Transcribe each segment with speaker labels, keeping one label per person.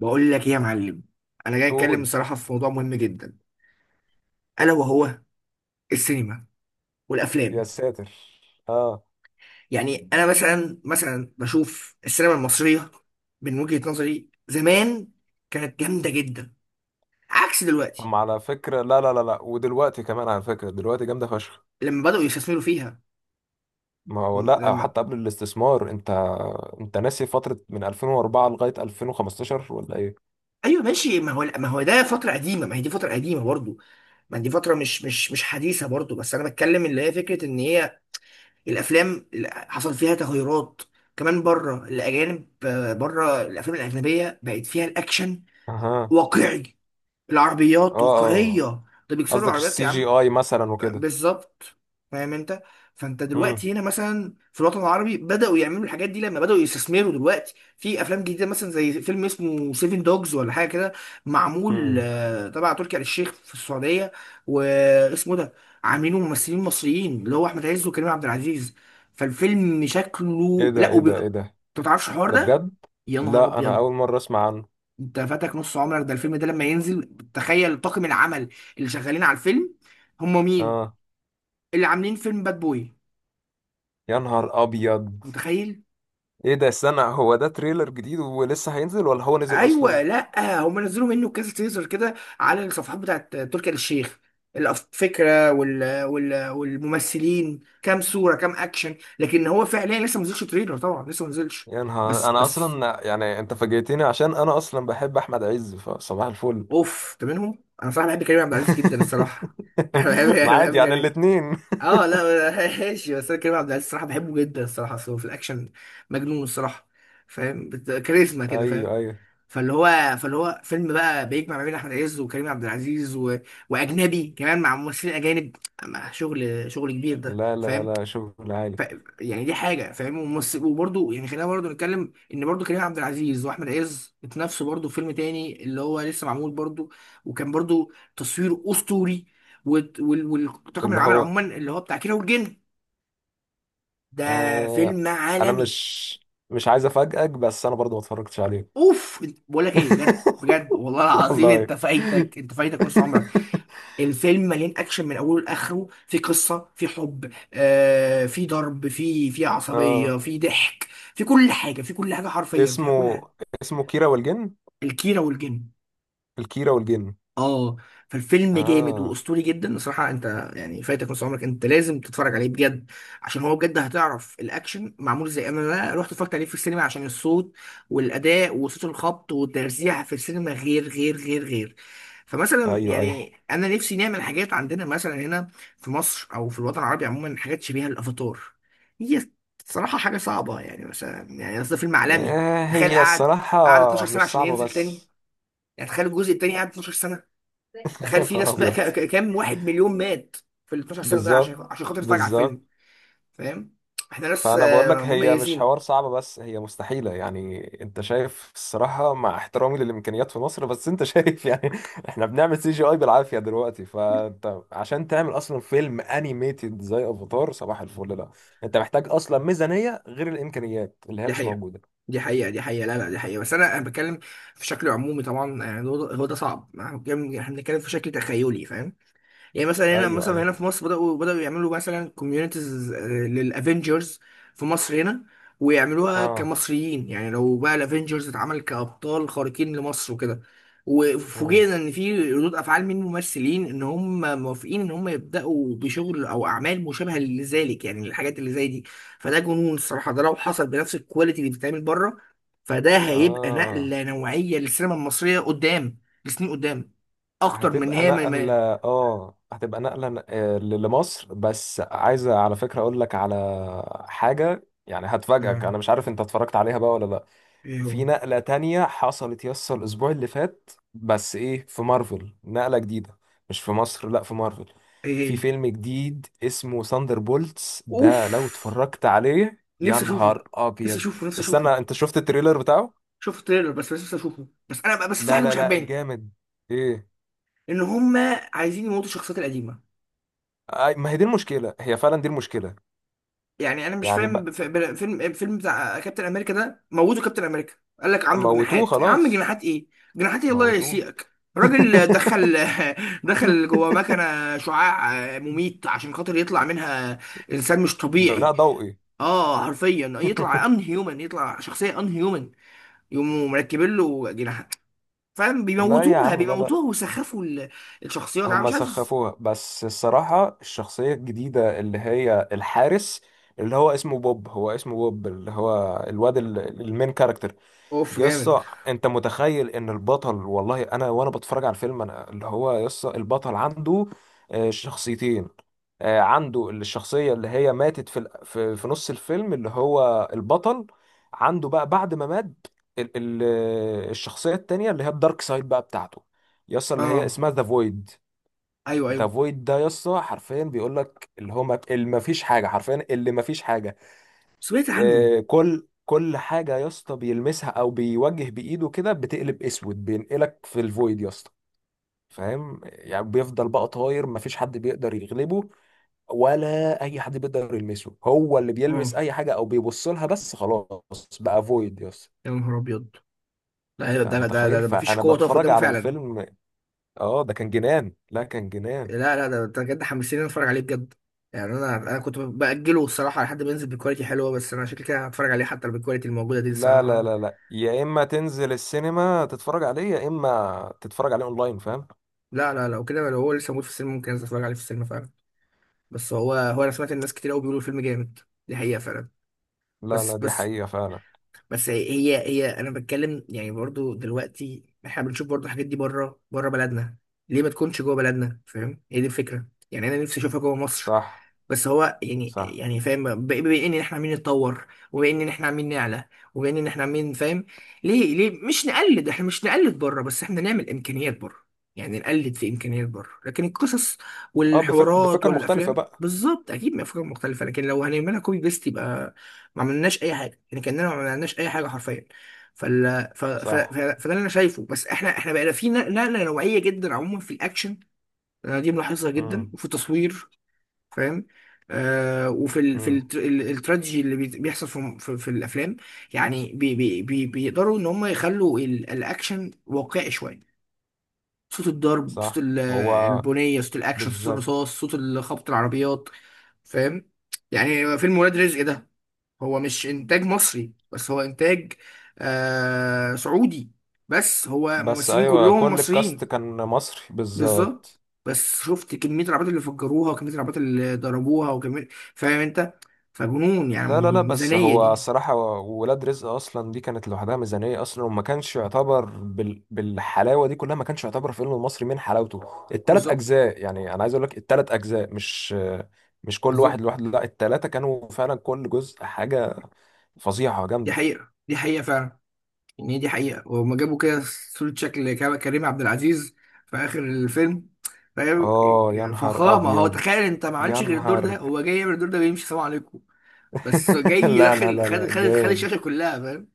Speaker 1: بقول لك ايه يا معلم. انا جاي اتكلم
Speaker 2: قول.
Speaker 1: الصراحه في موضوع مهم جدا. الا وهو السينما
Speaker 2: يا
Speaker 1: والافلام.
Speaker 2: ساتر. اه،
Speaker 1: يعني انا مثلا مثلا بشوف السينما المصريه من وجهه نظري زمان كانت جامده جدا عكس
Speaker 2: طب
Speaker 1: دلوقتي
Speaker 2: ما على فكرة، لا لا لا لا، ودلوقتي كمان على فكرة دلوقتي جامدة فشخ.
Speaker 1: لما بداوا يستثمروا فيها.
Speaker 2: ما هو لا،
Speaker 1: لما
Speaker 2: حتى قبل الاستثمار انت ناسي فترة من 2004 لغاية 2015 ولا ايه؟
Speaker 1: ايوه ماشي، ما هو ده فتره قديمه، ما هي دي فتره قديمه برضو. ما دي فتره مش حديثه برضو، بس انا بتكلم اللي هي فكره ان هي الافلام اللي حصل فيها تغيرات كمان بره. الاجانب، آه، بره الافلام الاجنبيه بقت فيها الاكشن
Speaker 2: اها.
Speaker 1: واقعي، العربيات
Speaker 2: اه. اه،
Speaker 1: واقعيه، ده بيكسروا
Speaker 2: قصدك
Speaker 1: العربيات
Speaker 2: السي
Speaker 1: يا
Speaker 2: جي
Speaker 1: عم.
Speaker 2: اي مثلا وكده.
Speaker 1: بالظبط، فاهم انت. فانت
Speaker 2: امم.
Speaker 1: دلوقتي هنا مثلا في الوطن العربي بداوا يعملوا الحاجات دي لما بداوا يستثمروا دلوقتي في افلام جديده مثلا زي فيلم اسمه سيفن دوجز ولا حاجه كده معمول،
Speaker 2: امم.
Speaker 1: آه، تبع تركي آل الشيخ في السعوديه. واسمه ده عاملينه ممثلين مصريين اللي هو احمد عز وكريم عبد العزيز. فالفيلم
Speaker 2: ايه
Speaker 1: شكله
Speaker 2: ده،
Speaker 1: لا
Speaker 2: ايه ده، ايه ده،
Speaker 1: انت ما تعرفش الحوار
Speaker 2: ده
Speaker 1: ده؟
Speaker 2: بجد؟
Speaker 1: يا نهار
Speaker 2: لا، انا
Speaker 1: ابيض،
Speaker 2: اول مرة اسمع عنه.
Speaker 1: انت فاتك نص عمرك. ده الفيلم ده لما ينزل تخيل طاقم العمل اللي شغالين على الفيلم هم مين؟
Speaker 2: اه،
Speaker 1: اللي عاملين فيلم باد بوي.
Speaker 2: يا نهار ابيض.
Speaker 1: متخيل؟
Speaker 2: ايه ده، استنى، هو ده تريلر جديد ولسه هينزل ولا هو نزل
Speaker 1: ايوه
Speaker 2: اصلا؟
Speaker 1: لا هم نزلوا منه كذا تيزر كده على الصفحات بتاعت تركي آل الشيخ. الفكره والممثلين كام صوره كام اكشن، لكن هو فعليا لسه ما نزلش تريلر، طبعا لسه ما نزلش.
Speaker 2: يا
Speaker 1: بس
Speaker 2: نهار، انا
Speaker 1: بس
Speaker 2: اصلا يعني انت فاجئتني عشان انا اصلا بحب احمد عز، فصباح الفل.
Speaker 1: اوف، ده منهم. انا صراحه بحب كريم عبد العزيز جدا الصراحه. انا بحب انا
Speaker 2: معادي
Speaker 1: بحب
Speaker 2: يعني
Speaker 1: كريم.
Speaker 2: الاتنين.
Speaker 1: اه لا. ماشي، بس انا كريم عبد العزيز الصراحه بحبه جدا الصراحه. أصل هو في الاكشن مجنون الصراحه. فاهم؟ كاريزما كده فاهم؟
Speaker 2: ايوه ايوه.
Speaker 1: فاللي هو فيلم بقى بيجمع ما بين احمد عز وكريم عبد العزيز واجنبي كمان، مع ممثلين اجانب، مع شغل، شغل كبير ده
Speaker 2: لا لا
Speaker 1: فاهم.
Speaker 2: لا، شغل عالي.
Speaker 1: ف... يعني دي حاجه فاهم. وممثل وبرده يعني خلينا برده نتكلم ان برده كريم عبد العزيز واحمد عز اتنافسوا برده في فيلم تاني اللي هو لسه معمول برده، وكان برده تصوير اسطوري. والطاقم
Speaker 2: اللي
Speaker 1: العمل
Speaker 2: هو
Speaker 1: عموما اللي هو بتاع كيرة والجن. ده
Speaker 2: آه،
Speaker 1: فيلم
Speaker 2: انا
Speaker 1: عالمي.
Speaker 2: مش عايز افاجئك، بس انا برضو ما اتفرجتش عليه.
Speaker 1: اوف، بقول لك ايه بجد بجد والله العظيم،
Speaker 2: والله.
Speaker 1: انت فايتك، انت فايتك نص عمرك. الفيلم مليان اكشن من اوله لاخره، في قصه، في حب، آه، في ضرب، في
Speaker 2: اه،
Speaker 1: عصبيه، في ضحك، في كل حاجه، في كل حاجه، حرفيا في كل
Speaker 2: اسمه
Speaker 1: حاجه.
Speaker 2: اسمه كيرة والجن.
Speaker 1: الكيره والجن،
Speaker 2: الكيرة والجن.
Speaker 1: اه. فالفيلم جامد
Speaker 2: اه.
Speaker 1: واسطوري جدا الصراحه، انت يعني فايتك نص عمرك، انت لازم تتفرج عليه بجد عشان هو بجد هتعرف الاكشن معمول زي انا. أنا رحت اتفرجت عليه في السينما عشان الصوت والاداء وصوت الخبط والترزيع في السينما غير غير غير غير. فمثلا
Speaker 2: ايوه ايوه.
Speaker 1: يعني انا نفسي نعمل حاجات عندنا مثلا هنا في مصر او في الوطن العربي عموما، حاجات شبيهه للافاتار. هي صراحه حاجه صعبه، يعني مثلا يعني قصدي فيلم عالمي.
Speaker 2: آه،
Speaker 1: تخيل،
Speaker 2: هي
Speaker 1: قعد
Speaker 2: الصراحة
Speaker 1: 12 سنه
Speaker 2: مش
Speaker 1: عشان
Speaker 2: صعبة
Speaker 1: ينزل تاني.
Speaker 2: بس.
Speaker 1: يعني تخيل الجزء التاني قعد 12.
Speaker 2: يا
Speaker 1: تخيل في
Speaker 2: نهار
Speaker 1: ناس بقى
Speaker 2: ابيض.
Speaker 1: كام واحد مليون مات في ال 12 سنه ده عشان،
Speaker 2: بالظبط،
Speaker 1: عشان خاطر يتفرج على الفيلم.
Speaker 2: بالظبط.
Speaker 1: فاهم، احنا ناس،
Speaker 2: فانا بقول
Speaker 1: آه،
Speaker 2: لك هي مش
Speaker 1: مميزين.
Speaker 2: حوار صعب، بس هي مستحيله، يعني انت شايف الصراحه، مع احترامي للامكانيات في مصر، بس انت شايف يعني، احنا بنعمل سي جي اي بالعافيه دلوقتي، فانت عشان تعمل اصلا فيلم انيميتد زي افاتار، صباح الفل لا. انت محتاج اصلا ميزانيه غير الامكانيات اللي هي
Speaker 1: دي
Speaker 2: مش
Speaker 1: حقيقه
Speaker 2: موجوده.
Speaker 1: دي حقيقه دي حقيقه، لا لا دي حقيقه. بس انا، أنا بتكلم في شكل عمومي طبعا، يعني هو ده هو ده صعب. يعني احنا بنتكلم في شكل تخيلي فاهم. يعني مثلا هنا،
Speaker 2: ايوه
Speaker 1: مثلا
Speaker 2: ايوه.
Speaker 1: هنا في مصر بدأوا يعملوا مثلا كوميونيتيز للافنجرز في مصر هنا، ويعملوها
Speaker 2: اه.
Speaker 1: كمصريين. يعني لو بقى الافنجرز اتعمل كأبطال خارقين لمصر وكده،
Speaker 2: مم.
Speaker 1: وفوجئنا ان في ردود افعال من ممثلين ان هم موافقين ان هم يبداوا بشغل او اعمال مشابهه لذلك، يعني الحاجات اللي زي دي، فده جنون الصراحه. ده لو حصل بنفس الكواليتي اللي بتتعمل بره فده هيبقى
Speaker 2: اه،
Speaker 1: نقله نوعيه للسينما المصريه قدام، لسنين قدام. اكتر من
Speaker 2: هتبقى
Speaker 1: هي ما.
Speaker 2: نقلة. اه، هتبقى نقلة آه، لمصر. بس عايزة على فكرة اقول لك على حاجة يعني هتفاجئك،
Speaker 1: ما-
Speaker 2: انا مش عارف انت اتفرجت عليها بقى ولا لا.
Speaker 1: ايه هو؟
Speaker 2: في نقلة تانية حصلت، يس، الاسبوع اللي فات، بس ايه، في مارفل نقلة جديدة. مش في مصر، لا في مارفل.
Speaker 1: ايه
Speaker 2: في
Speaker 1: هي؟
Speaker 2: فيلم جديد اسمه ثاندر بولتس،
Speaker 1: اوف،
Speaker 2: ده لو اتفرجت عليه يا
Speaker 1: نفسي اشوفه،
Speaker 2: نهار
Speaker 1: نفسي
Speaker 2: ابيض.
Speaker 1: اشوفه، نفسي
Speaker 2: استنى،
Speaker 1: اشوفه.
Speaker 2: انت شفت التريلر بتاعه؟
Speaker 1: شفت التريلر، بس نفسي اشوفه. بس انا بس في
Speaker 2: لا
Speaker 1: حاجه
Speaker 2: لا
Speaker 1: مش
Speaker 2: لا،
Speaker 1: عجباني،
Speaker 2: جامد. ايه؟
Speaker 1: ان هما عايزين يموتوا الشخصيات القديمه.
Speaker 2: ما هي دي المشكلة، هي فعلا دي المشكلة.
Speaker 1: يعني انا مش
Speaker 2: يعني
Speaker 1: فاهم،
Speaker 2: بقى.
Speaker 1: فيلم، فيلم بتاع كابتن امريكا ده موتوا كابتن امريكا. قال لك عنده
Speaker 2: موتوه
Speaker 1: جناحات. يا عم،
Speaker 2: خلاص.
Speaker 1: جناحات ايه؟ جناحات ايه، الله
Speaker 2: موتوه.
Speaker 1: يسيئك؟ الراجل دخل. دخل جوه مكنه شعاع مميت عشان خاطر يطلع منها انسان مش
Speaker 2: بناء
Speaker 1: طبيعي.
Speaker 2: ضوئي.
Speaker 1: اه، حرفيا يطلع ان هيومن، يطلع شخصيه ان هيومن. يقوموا مركبين له جناح، فاهم.
Speaker 2: لا يا
Speaker 1: بيموتوها
Speaker 2: عم، لا لا.
Speaker 1: بيموتوها ويسخفوا الشخصيات. انا
Speaker 2: هم
Speaker 1: مش عارف.
Speaker 2: سخفوها، بس الصراحة الشخصية الجديدة اللي هي الحارس، اللي هو اسمه بوب، هو اسمه بوب، اللي هو الواد المين كاركتر.
Speaker 1: اوف، جامد.
Speaker 2: يسطا، انت متخيل ان البطل، والله انا وانا بتفرج على الفيلم، انا اللي هو يسطا البطل عنده آه، شخصيتين. آه، عنده الشخصية اللي هي ماتت في نص الفيلم، اللي هو البطل. عنده بقى، بعد ما مات ال- ال- آه، الشخصية التانية اللي هي الدارك سايد بقى بتاعته. يسطا، اللي هي
Speaker 1: اه،
Speaker 2: اسمها ذا فويد.
Speaker 1: ايوه
Speaker 2: ذا
Speaker 1: ايوه،
Speaker 2: فويد ده يسطا حرفيا بيقول لك اللي هو ما فيش حاجة، حرفيا اللي ما فيش حاجة.
Speaker 1: سمعت عنه.
Speaker 2: آه، كل كل حاجة يا اسطى بيلمسها او بيوجه بايده كده بتقلب اسود، بينقلك في الفويد يا اسطى. فاهم، يعني بيفضل بقى طاير، مفيش حد بيقدر يغلبه، ولا اي حد بيقدر يلمسه، هو اللي بيلمس
Speaker 1: اه
Speaker 2: اي حاجة او بيبص لها، بس خلاص بقى فويد يا اسطى.
Speaker 1: يا نهار ابيض. لا
Speaker 2: أنت متخيل،
Speaker 1: ده مفيش
Speaker 2: فانا
Speaker 1: قوه تقف
Speaker 2: بتفرج
Speaker 1: قدامه
Speaker 2: على
Speaker 1: فعلا.
Speaker 2: الفيلم. اه ده كان جنان، لا كان جنان.
Speaker 1: لا لا، ده انت بجد حمسني إن أنا اتفرج عليه بجد. يعني انا كنت باجله الصراحه لحد ما ينزل بكواليتي حلوه، بس انا شكلي كده هتفرج عليه حتى لو بالكواليتي الموجوده دي لسه.
Speaker 2: لا لا لا لا، يا اما تنزل السينما تتفرج عليه، يا اما تتفرج عليه اونلاين فاهم.
Speaker 1: لا لا، لو كده لو هو لسه موجود في السينما ممكن انزل اتفرج عليه في السينما فعلا. بس هو انا سمعت الناس كتير قوي بيقولوا الفيلم جامد. دي حقيقه فعلا.
Speaker 2: لا
Speaker 1: بس
Speaker 2: لا، دي
Speaker 1: بس
Speaker 2: حقيقة فعلا.
Speaker 1: بس هي انا بتكلم يعني برضو دلوقتي احنا بنشوف برضو الحاجات دي بره، بره بلدنا. ليه ما تكونش جوه بلدنا؟ فاهم، هي دي الفكره. يعني انا نفسي اشوفها جوه مصر.
Speaker 2: صح.
Speaker 1: بس هو يعني
Speaker 2: صح.
Speaker 1: يعني فاهم، بما ان احنا عمالين نتطور، وبما ان احنا عمالين نعلى، وبما ان احنا عمالين، فاهم، ليه ليه مش نقلد؟ احنا مش نقلد بره، بس احنا نعمل امكانيات بره. يعني نقلد في امكانيات بره لكن القصص
Speaker 2: اه،
Speaker 1: والحوارات
Speaker 2: بفكر مختلفة
Speaker 1: والافلام
Speaker 2: بقى.
Speaker 1: بالظبط اكيد من افكار مختلفه، لكن لو هنعملها كوبي بيست يبقى ما عملناش اي حاجه، يعني كاننا ما عملناش اي حاجه حرفيا. فال ف... ف... ف...
Speaker 2: صح.
Speaker 1: فده اللي انا شايفه. بس احنا، احنا بقينا في نقله نوعيه جدا عموما في الاكشن. أنا دي ملاحظها جدا،
Speaker 2: امم.
Speaker 1: وفي التصوير فاهم. آه، وفي ال في
Speaker 2: امم.
Speaker 1: التر- ال- التراجيدي اللي بيحصل في، في الافلام. يعني بي بيقدروا ان هم يخلوا الاكشن واقعي شويه. صوت الضرب، صوت
Speaker 2: صح. هو.
Speaker 1: البنيه، صوت الاكشن، صوت
Speaker 2: بالظبط.
Speaker 1: الرصاص، صوت خبط العربيات، فاهم. يعني فيلم ولاد رزق ده هو مش انتاج مصري، بس هو انتاج، آه، سعودي، بس هو
Speaker 2: بس
Speaker 1: ممثلين
Speaker 2: ايوه،
Speaker 1: كلهم
Speaker 2: كل الكاست
Speaker 1: مصريين.
Speaker 2: كان مصري
Speaker 1: بالظبط.
Speaker 2: بالظبط.
Speaker 1: بس شفت كمية العربيات اللي فجروها وكمية العربيات اللي ضربوها وكمية، فاهم انت، فجنون يعني
Speaker 2: لا لا لا، بس
Speaker 1: ميزانية
Speaker 2: هو
Speaker 1: دي.
Speaker 2: الصراحة. ولاد رزق اصلا دي كانت لوحدها ميزانية اصلا، وما كانش يعتبر بالحلاوة دي كلها، ما كانش يعتبر فيلم مصري من حلاوته التلات
Speaker 1: بالظبط
Speaker 2: اجزاء. يعني انا عايز اقول لك التلات اجزاء مش كل واحد
Speaker 1: بالظبط.
Speaker 2: لوحده، لا التلاتة كانوا فعلا كل جزء حاجة فظيعة
Speaker 1: دي
Speaker 2: جامدة.
Speaker 1: حقيقة دي حقيقة فعلا، ان هي دي حقيقة. وهم جابوا كده صورة شكل كريم عبد العزيز في آخر الفيلم فاهم.
Speaker 2: اه، يا نهار
Speaker 1: فخامة. هو
Speaker 2: ابيض.
Speaker 1: تخيل انت، ما
Speaker 2: يا
Speaker 1: عملش غير الدور ده،
Speaker 2: نهار.
Speaker 1: هو جاي يعمل الدور ده بيمشي سلام عليكم. بس جاي
Speaker 2: لا لا
Speaker 1: داخل
Speaker 2: لا لا،
Speaker 1: خد خد خد
Speaker 2: جامد.
Speaker 1: الشاشة كلها فاهم.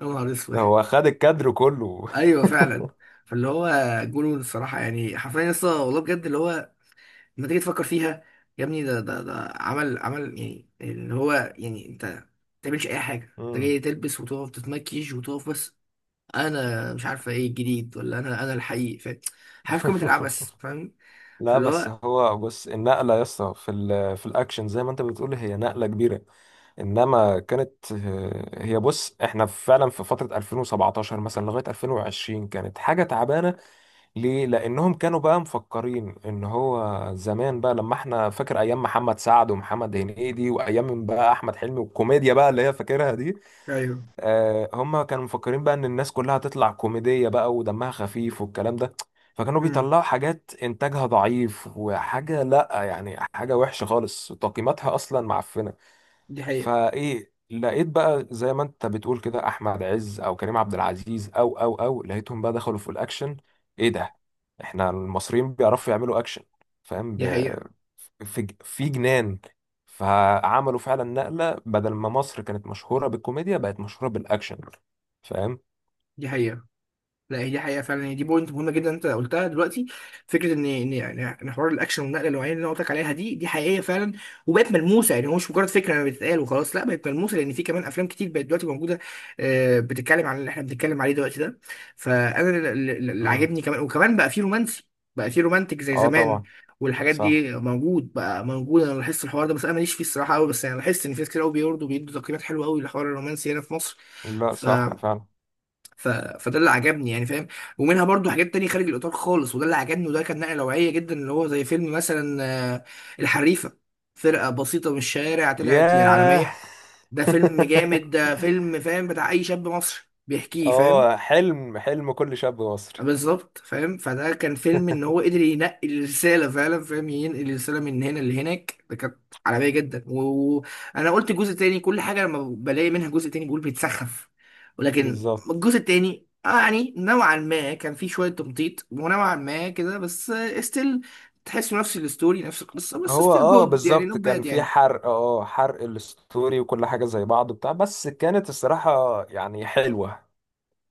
Speaker 1: يا نهار اسود.
Speaker 2: هو خد الكادر كله.
Speaker 1: ايوه فعلا. فاللي هو جنون الصراحه، يعني حرفيا لسه والله بجد، اللي هو لما تيجي تفكر فيها، يا ابني ده عمل يعني، اللي هو يعني انت ما تعملش اي حاجه، انت
Speaker 2: مم.
Speaker 1: جاي تلبس وتقف تتمكيش وتقف بس. انا مش عارفه ايه الجديد ولا انا، انا الحقيقي فاهم، عارف قيمه العبث فاهم.
Speaker 2: لا،
Speaker 1: فاللي
Speaker 2: بس
Speaker 1: هو
Speaker 2: هو بص، النقلة يا اسطى في الأكشن زي ما أنت بتقول هي نقلة كبيرة. إنما كانت آه، هي بص، إحنا فعلا في فترة 2017 مثلا لغاية 2020 كانت حاجة تعبانة. ليه؟ لأنهم كانوا بقى مفكرين إن هو زمان بقى، لما إحنا فاكر أيام محمد سعد ومحمد هنيدي وأيام بقى أحمد حلمي والكوميديا بقى اللي هي فاكرها دي.
Speaker 1: ايوه،
Speaker 2: آه، هم كانوا مفكرين بقى ان الناس كلها هتطلع كوميدية بقى ودمها خفيف والكلام ده. فكانوا
Speaker 1: امم،
Speaker 2: بيطلعوا حاجات انتاجها ضعيف، وحاجة لا يعني، حاجة وحشة خالص تقييماتها اصلا معفنة.
Speaker 1: دي حقيقه
Speaker 2: فايه، لقيت بقى زي ما انت بتقول كده احمد عز او كريم عبد العزيز او لقيتهم بقى دخلوا في الاكشن. ايه ده، احنا المصريين بيعرفوا يعملوا اكشن فاهم.
Speaker 1: دي حقيقه
Speaker 2: في جنان. فعملوا فعلا نقلة بدل ما مصر كانت مشهورة بالكوميديا بقت مشهورة بالاكشن فاهم.
Speaker 1: دي حقيقه، لا هي دي حقيقه فعلا. هي دي بوينت مهمه جدا انت قلتها دلوقتي. فكره ان ان يعني ان حوار الاكشن والنقله النوعيه اللي انا قلت لك عليها دي دي حقيقيه فعلا، وبقت ملموسه، يعني هو مش مجرد فكره انا بتتقال وخلاص، لا، بقت ملموسه لان في كمان افلام كتير بقت دلوقتي موجوده، آه، بتتكلم عن اللي احنا بنتكلم عليه دلوقتي ده. فانا اللي
Speaker 2: امم.
Speaker 1: عاجبني كمان وكمان بقى في رومانسي، بقى في رومانتك زي
Speaker 2: اه
Speaker 1: زمان.
Speaker 2: طبعا.
Speaker 1: والحاجات
Speaker 2: صح.
Speaker 1: دي موجود بقى، موجود. انا لاحظت الحوار ده بس انا ماليش فيه الصراحه قوي، بس انا لاحظت ان في ناس كتير قوي بيوردوا بيدوا تقييمات حلوه قوي للحوار الرومانسي هنا في مصر.
Speaker 2: لا صح فعلا.
Speaker 1: فده اللي عجبني يعني فاهم. ومنها برضو حاجات تانية خارج الإطار خالص، وده اللي عجبني، وده كان نقلة نوعية جدا اللي هو زي فيلم مثلا، آه، الحريفة، فرقة بسيطة من الشارع طلعت
Speaker 2: ياه.
Speaker 1: للعالمية. ده فيلم جامد، ده فيلم فاهم بتاع أي شاب مصري بيحكيه، فاهم.
Speaker 2: اه، حلم، حلم كل شاب مصري.
Speaker 1: بالظبط فاهم. فده كان فيلم ان هو قدر ينقل الرساله فعلا، فاهم، ينقل الرساله من هنا لهناك، ده كانت عالميه جدا. وانا قلت جزء تاني كل حاجه لما بلاقي منها جزء تاني بقول بيتسخف، ولكن
Speaker 2: بالظبط.
Speaker 1: الجزء التاني آه يعني نوعا ما كان فيه شويه تمطيط ونوعا ما كده، بس ستيل تحس نفس الستوري نفس القصه، بس
Speaker 2: هو
Speaker 1: ستيل
Speaker 2: اه
Speaker 1: جود يعني
Speaker 2: بالظبط
Speaker 1: نوت
Speaker 2: كان
Speaker 1: باد
Speaker 2: في
Speaker 1: يعني.
Speaker 2: حرق، اه حرق الستوري وكل حاجة زي بعض وبتاع، بس كانت الصراحة يعني حلوة.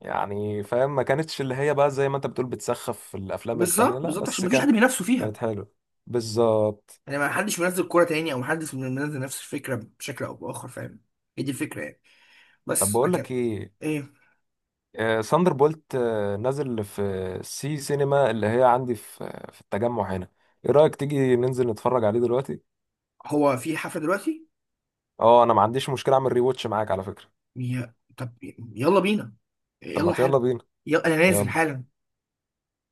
Speaker 2: يعني فاهم ما كانتش اللي هي بقى زي ما انت بتقول بتسخف في الافلام التانية،
Speaker 1: بالظبط
Speaker 2: لا
Speaker 1: بالظبط عشان
Speaker 2: بس
Speaker 1: مفيش
Speaker 2: كان.
Speaker 1: حد بينافسه
Speaker 2: كانت
Speaker 1: فيها،
Speaker 2: حلوة. بالظبط.
Speaker 1: يعني ما حدش منزل كوره تاني او ما حدش منزل نفس الفكره بشكل او باخر فاهم. هي دي الفكره يعني.
Speaker 2: طب
Speaker 1: بس
Speaker 2: بقول
Speaker 1: لكن
Speaker 2: لك ايه.
Speaker 1: ايه
Speaker 2: آه ساندر بولت نازل في سي سينما اللي هي عندي في التجمع هنا. ايه رأيك تيجي ننزل نتفرج عليه دلوقتي؟
Speaker 1: هو؟ في حفلة دلوقتي.
Speaker 2: اه، انا ما عنديش مشكلة، اعمل ريواتش معاك على فكرة.
Speaker 1: يا طب يلا بينا،
Speaker 2: طب ما
Speaker 1: يلا
Speaker 2: يلا
Speaker 1: حالا،
Speaker 2: بينا.
Speaker 1: يلا انا نازل
Speaker 2: يلا
Speaker 1: حالا.